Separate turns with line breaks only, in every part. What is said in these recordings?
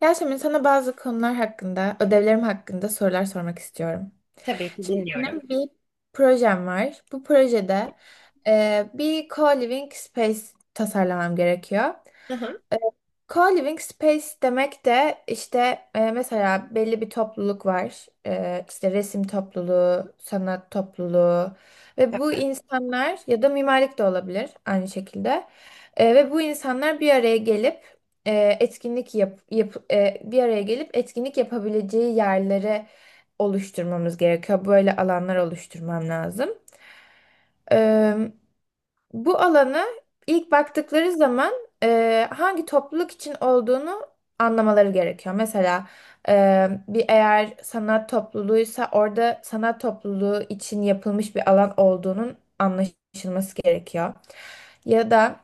Yasemin, sana bazı konular hakkında, ödevlerim hakkında sorular sormak istiyorum.
Tabii ki
Şimdi
dinliyorum.
benim bir projem var. Bu projede bir co-living space tasarlamam gerekiyor.
Hı hı,
Co-living space demek de işte mesela belli bir topluluk var. E, işte resim topluluğu, sanat topluluğu ve bu insanlar ya da mimarlık da olabilir aynı şekilde. Ve bu insanlar bir araya gelip etkinlik bir araya gelip etkinlik yapabileceği yerleri oluşturmamız gerekiyor. Böyle alanlar oluşturmam lazım. Bu alanı ilk baktıkları zaman hangi topluluk için olduğunu anlamaları gerekiyor. Mesela bir eğer sanat topluluğuysa orada sanat topluluğu için yapılmış bir alan olduğunun anlaşılması gerekiyor. Ya da...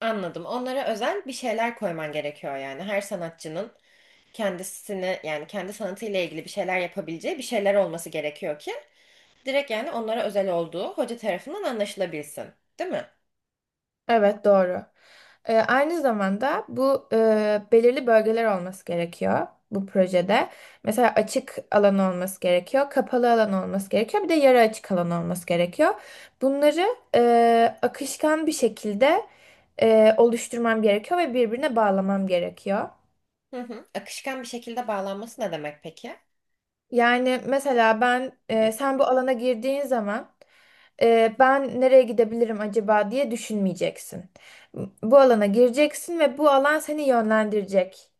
anladım. Onlara özel bir şeyler koyman gerekiyor yani. Her sanatçının kendisini yani kendi sanatıyla ilgili bir şeyler yapabileceği bir şeyler olması gerekiyor ki direkt yani onlara özel olduğu hoca tarafından anlaşılabilsin. Değil mi?
Evet, doğru. Aynı zamanda bu belirli bölgeler olması gerekiyor bu projede. Mesela açık alan olması gerekiyor, kapalı alan olması gerekiyor, bir de yarı açık alan olması gerekiyor. Bunları akışkan bir şekilde oluşturmam gerekiyor ve birbirine bağlamam gerekiyor.
Hı hı. Akışkan bir şekilde bağlanması ne demek peki?
Yani mesela
Peki.
sen bu alana girdiğin zaman ben nereye gidebilirim acaba diye düşünmeyeceksin. Bu alana gireceksin ve bu alan seni yönlendirecek.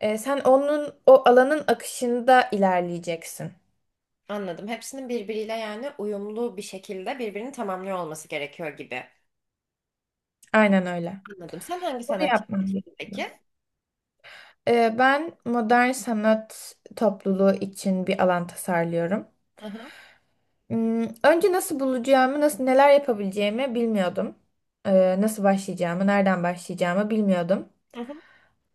Sen onun o alanın akışında ilerleyeceksin.
Anladım. Hepsinin birbiriyle yani uyumlu bir şekilde birbirini tamamlıyor olması gerekiyor gibi.
Aynen öyle.
Anladım. Sen hangi
Bunu
sanatçı
yapman
seçtin
gerekiyor.
peki?
Ben modern sanat topluluğu için bir alan tasarlıyorum.
Hı hı.
Önce nasıl bulacağımı, nasıl neler yapabileceğimi bilmiyordum. Nasıl başlayacağımı, nereden başlayacağımı bilmiyordum.
Hı hı.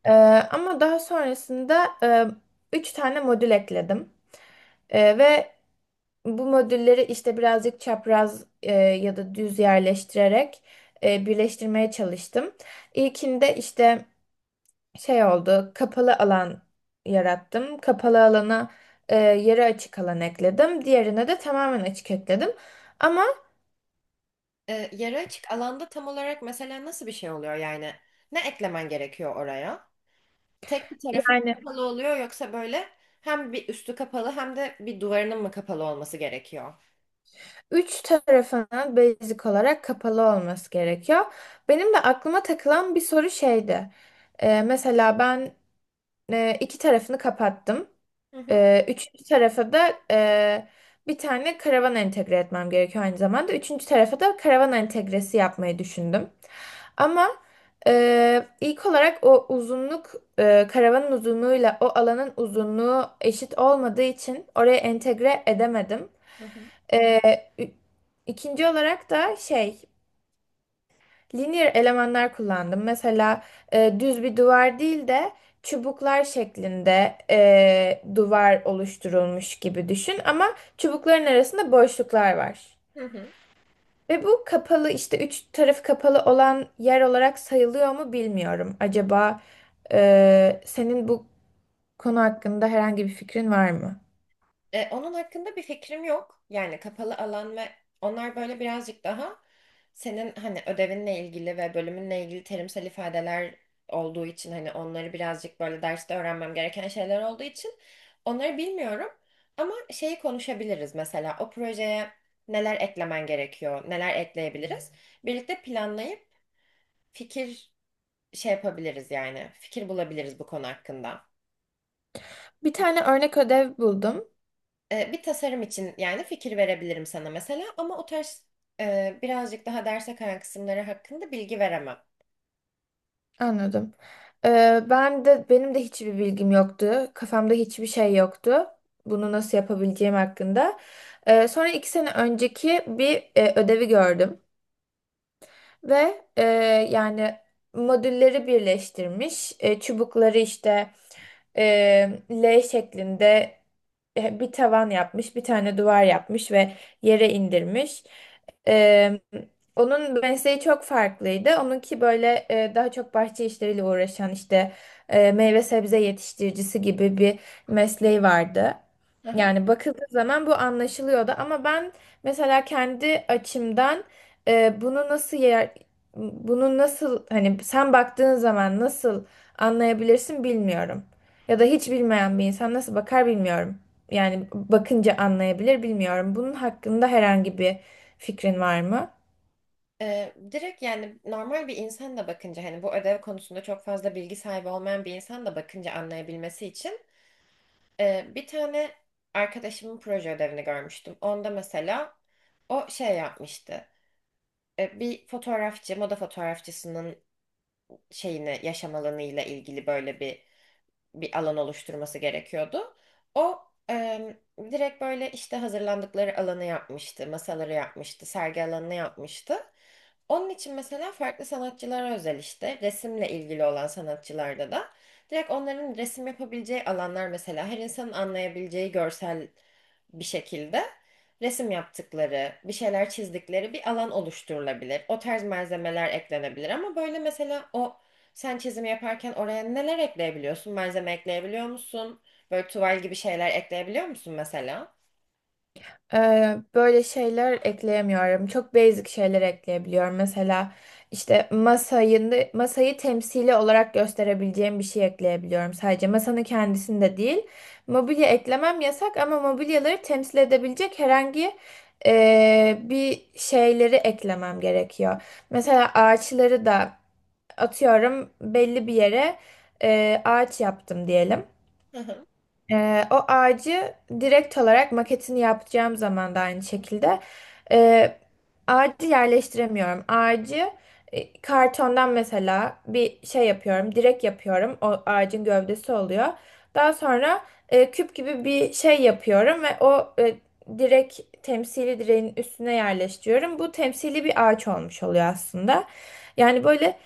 Ee, ama daha sonrasında üç tane modül ekledim. Ve bu modülleri işte birazcık çapraz ya da düz yerleştirerek birleştirmeye çalıştım. İlkinde işte şey oldu, kapalı alan yarattım. Kapalı alana yarı açık alan ekledim. Diğerine de tamamen açık ekledim. Ama
Yarı açık alanda tam olarak mesela nasıl bir şey oluyor yani? Ne eklemen gerekiyor oraya? Tek bir tarafı mı
yani...
kapalı oluyor yoksa böyle hem bir üstü kapalı hem de bir duvarının mı kapalı olması gerekiyor?
Üç tarafının basic olarak kapalı olması gerekiyor. Benim de aklıma takılan bir soru şeydi. Mesela ben iki tarafını kapattım.
Hı hı.
Üçüncü tarafa da bir tane karavan entegre etmem gerekiyor aynı zamanda. Üçüncü tarafa da karavan entegresi yapmayı düşündüm. Ama ilk olarak karavanın uzunluğuyla o alanın uzunluğu eşit olmadığı için oraya entegre edemedim.
Hı hı.
Ü- İkinci olarak da linear elemanlar kullandım. Mesela düz bir duvar değil de çubuklar şeklinde duvar oluşturulmuş gibi düşün ama çubukların arasında boşluklar var.
Hı hı.
Ve bu kapalı işte üç tarafı kapalı olan yer olarak sayılıyor mu bilmiyorum. Acaba senin bu konu hakkında herhangi bir fikrin var mı?
Onun hakkında bir fikrim yok. Yani kapalı alan ve onlar böyle birazcık daha senin hani ödevinle ilgili ve bölümünle ilgili terimsel ifadeler olduğu için hani onları birazcık böyle derste öğrenmem gereken şeyler olduğu için onları bilmiyorum. Ama şeyi konuşabiliriz mesela o projeye neler eklemen gerekiyor, neler ekleyebiliriz. Birlikte planlayıp fikir şey yapabiliriz yani fikir bulabiliriz bu konu hakkında.
Bir tane örnek ödev buldum.
Bir tasarım için yani fikir verebilirim sana mesela ama o tarz birazcık daha derse kayan kısımları hakkında bilgi veremem.
Anladım. Benim de hiçbir bilgim yoktu. Kafamda hiçbir şey yoktu. Bunu nasıl yapabileceğim hakkında. Sonra 2 sene önceki bir ödevi gördüm. Ve yani modülleri birleştirmiş. Çubukları işte e, L şeklinde bir tavan yapmış, bir tane duvar yapmış ve yere indirmiş. E, onun mesleği çok farklıydı. Onunki böyle daha çok bahçe işleriyle uğraşan işte meyve sebze yetiştiricisi gibi bir mesleği vardı.
Aha.
Yani bakıldığı zaman bu anlaşılıyordu ama ben mesela kendi açımdan e, bunu nasıl yer- bunu nasıl hani sen baktığın zaman nasıl anlayabilirsin bilmiyorum. Ya da hiç bilmeyen bir insan nasıl bakar bilmiyorum. Yani bakınca anlayabilir bilmiyorum. Bunun hakkında herhangi bir fikrin var mı?
Direkt yani normal bir insan da bakınca hani bu ödev konusunda çok fazla bilgi sahibi olmayan bir insan da bakınca anlayabilmesi için bir tane arkadaşımın proje ödevini görmüştüm. Onda mesela o şey yapmıştı. Bir fotoğrafçı, moda fotoğrafçısının şeyini, yaşam alanı ile ilgili böyle bir bir alan oluşturması gerekiyordu. O em, direkt böyle işte hazırlandıkları alanı yapmıştı, masaları yapmıştı, sergi alanını yapmıştı. Onun için mesela farklı sanatçılara özel işte resimle ilgili olan sanatçılarda da direkt onların resim yapabileceği alanlar mesela her insanın anlayabileceği görsel bir şekilde resim yaptıkları, bir şeyler çizdikleri bir alan oluşturulabilir. O tarz malzemeler eklenebilir ama böyle mesela o sen çizimi yaparken oraya neler ekleyebiliyorsun? Malzeme ekleyebiliyor musun? Böyle tuval gibi şeyler ekleyebiliyor musun mesela?
Böyle şeyler ekleyemiyorum. Çok basic şeyler ekleyebiliyorum. Mesela işte masayı temsili olarak gösterebileceğim bir şey ekleyebiliyorum. Sadece masanın kendisinde değil. Mobilya eklemem yasak ama mobilyaları temsil edebilecek herhangi bir şeyleri eklemem gerekiyor. Mesela ağaçları da atıyorum belli bir yere ağaç yaptım diyelim.
Hı hı,
O ağacı direkt olarak maketini yapacağım zaman da aynı şekilde e, ağacı yerleştiremiyorum. Ağacı kartondan mesela bir şey yapıyorum, direk yapıyorum. O ağacın gövdesi oluyor. Daha sonra küp gibi bir şey yapıyorum ve direk temsili direğin üstüne yerleştiriyorum. Bu temsili bir ağaç olmuş oluyor aslında. Yani böyle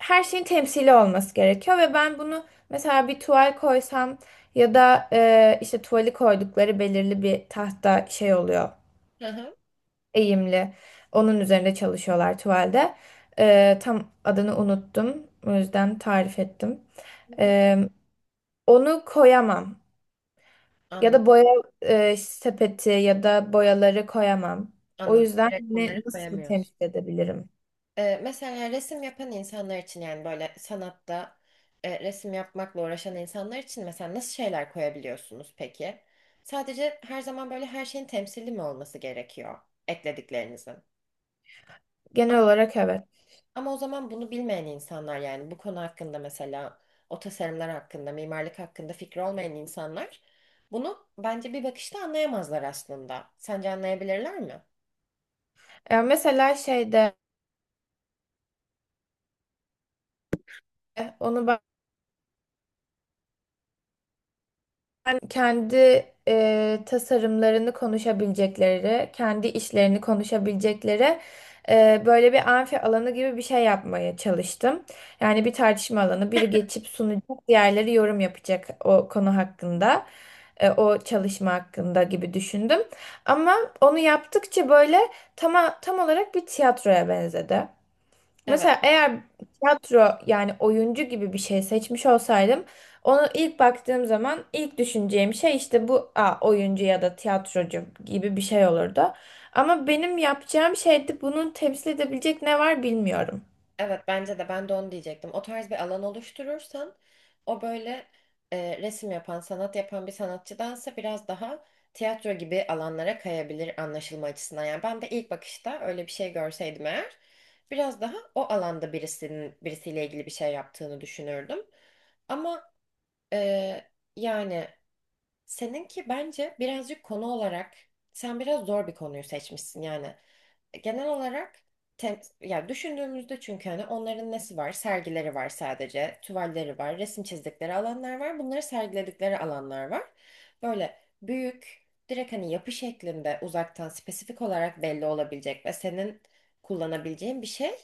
her şeyin temsili olması gerekiyor ve ben bunu mesela bir tuval koysam ya da işte tuvali koydukları belirli bir tahta şey oluyor,
hı hı.
eğimli. Onun üzerinde çalışıyorlar tuvalde. Tam adını unuttum. O yüzden tarif ettim.
Hı hı.
E, onu koyamam. Ya
Anladım,
da boya sepeti ya da boyaları koyamam. O
anladım.
yüzden
Evet,
ne,
bunları
nasıl
koyamıyoruz.
temsil edebilirim?
Mesela yani, resim yapan insanlar için yani böyle sanatta resim yapmakla uğraşan insanlar için mesela nasıl şeyler koyabiliyorsunuz peki? Sadece her zaman böyle her şeyin temsili mi olması gerekiyor eklediklerinizin? A-
Genel olarak evet.
Ama o zaman bunu bilmeyen insanlar yani bu konu hakkında mesela o tasarımlar hakkında, mimarlık hakkında fikri olmayan insanlar bunu bence bir bakışta anlayamazlar aslında. Sence anlayabilirler mi?
E, mesela şeyde onu Ben kendi tasarımlarını konuşabilecekleri, kendi işlerini konuşabilecekleri böyle bir amfi alanı gibi bir şey yapmaya çalıştım. Yani bir tartışma alanı, biri geçip sunacak, diğerleri yorum yapacak o konu hakkında, o çalışma hakkında gibi düşündüm. Ama onu yaptıkça böyle tam, tam olarak bir tiyatroya benzedi.
Evet.
Mesela eğer tiyatro yani oyuncu gibi bir şey seçmiş olsaydım onu ilk baktığım zaman ilk düşüneceğim şey işte bu oyuncu ya da tiyatrocu gibi bir şey olurdu. Ama benim yapacağım şeyde bunu temsil edebilecek ne var bilmiyorum.
Evet bence de ben de onu diyecektim. O tarz bir alan oluşturursan o böyle resim yapan, sanat yapan bir sanatçıdansa biraz daha tiyatro gibi alanlara kayabilir anlaşılma açısından. Yani ben de ilk bakışta öyle bir şey görseydim eğer biraz daha o alanda birisinin birisiyle ilgili bir şey yaptığını düşünürdüm. Ama e, yani seninki bence birazcık konu olarak sen biraz zor bir konuyu seçmişsin yani genel olarak yani düşündüğümüzde çünkü hani onların nesi var? Sergileri var sadece, tuvalleri var, resim çizdikleri alanlar var. Bunları sergiledikleri alanlar var. Böyle büyük, direkt hani yapı şeklinde uzaktan spesifik olarak belli olabilecek ve senin kullanabileceğin bir şey.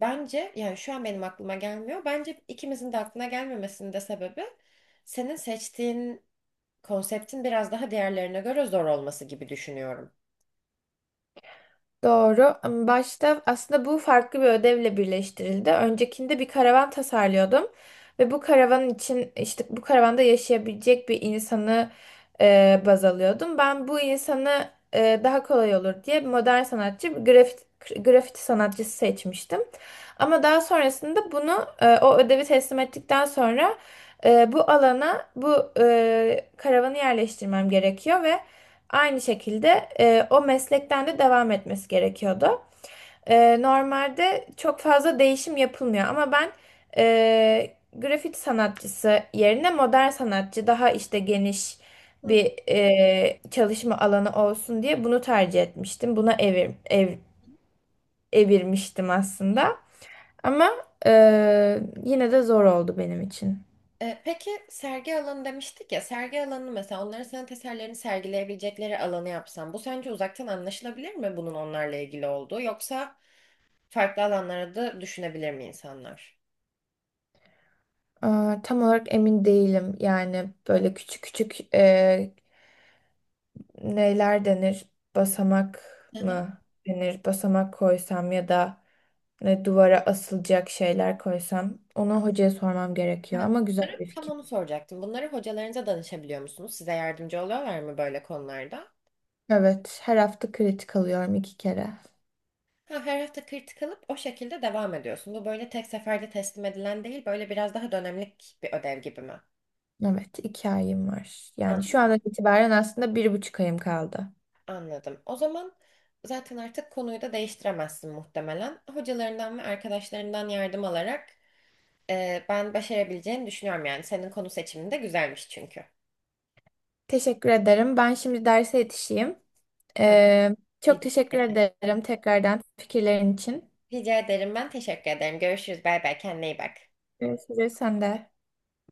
Bence yani şu an benim aklıma gelmiyor. Bence ikimizin de aklına gelmemesinin de sebebi senin seçtiğin konseptin biraz daha diğerlerine göre zor olması gibi düşünüyorum.
Doğru. Başta aslında bu farklı bir ödevle birleştirildi. Öncekinde bir karavan tasarlıyordum ve bu karavan için işte bu karavanda yaşayabilecek bir insanı baz alıyordum. Ben bu insanı daha kolay olur diye modern sanatçı, bir grafiti sanatçısı seçmiştim. Ama daha sonrasında o ödevi teslim ettikten sonra bu alana karavanı yerleştirmem gerekiyor ve aynı şekilde o meslekten de devam etmesi gerekiyordu. Normalde çok fazla değişim yapılmıyor ama ben grafiti sanatçısı yerine modern sanatçı daha işte geniş
Hı.
bir çalışma alanı olsun diye bunu tercih etmiştim. Buna evirmiştim aslında ama e, yine de zor oldu benim için.
Peki sergi alanı demiştik ya, sergi alanı mesela onların sanat eserlerini sergileyebilecekleri alanı yapsam, bu sence uzaktan anlaşılabilir mi bunun onlarla ilgili olduğu yoksa farklı alanlara da düşünebilir mi insanlar?
Aa, tam olarak emin değilim yani böyle küçük küçük neler denir? Basamak
Hı hı.
mı denir? Basamak koysam ya da ne duvara asılacak şeyler koysam onu hocaya sormam gerekiyor
Evet.
ama güzel bir
Tam
fikir.
onu soracaktım. Bunları hocalarınıza danışabiliyor musunuz? Size yardımcı oluyorlar mı böyle konularda?
Evet, her hafta kritik alıyorum 2 kere.
Ha, her hafta kritik alıp o şekilde devam ediyorsun. Bu böyle tek seferde teslim edilen değil, böyle biraz daha dönemlik bir ödev gibi mi?
Evet, 2 ayım var. Yani şu andan itibaren aslında 1,5 ayım kaldı.
Anladım. O zaman zaten artık konuyu da değiştiremezsin muhtemelen. Hocalarından ve arkadaşlarından yardım alarak ben başarabileceğini düşünüyorum yani. Senin konu seçimin de güzelmiş çünkü.
Teşekkür ederim. Ben şimdi derse yetişeyim.
Tamam.
Ee, çok teşekkür ederim tekrardan fikirlerin için.
Rica ederim. Ben teşekkür ederim. Görüşürüz. Bay bay. Kendine iyi bak.
Görüşürüz sen de.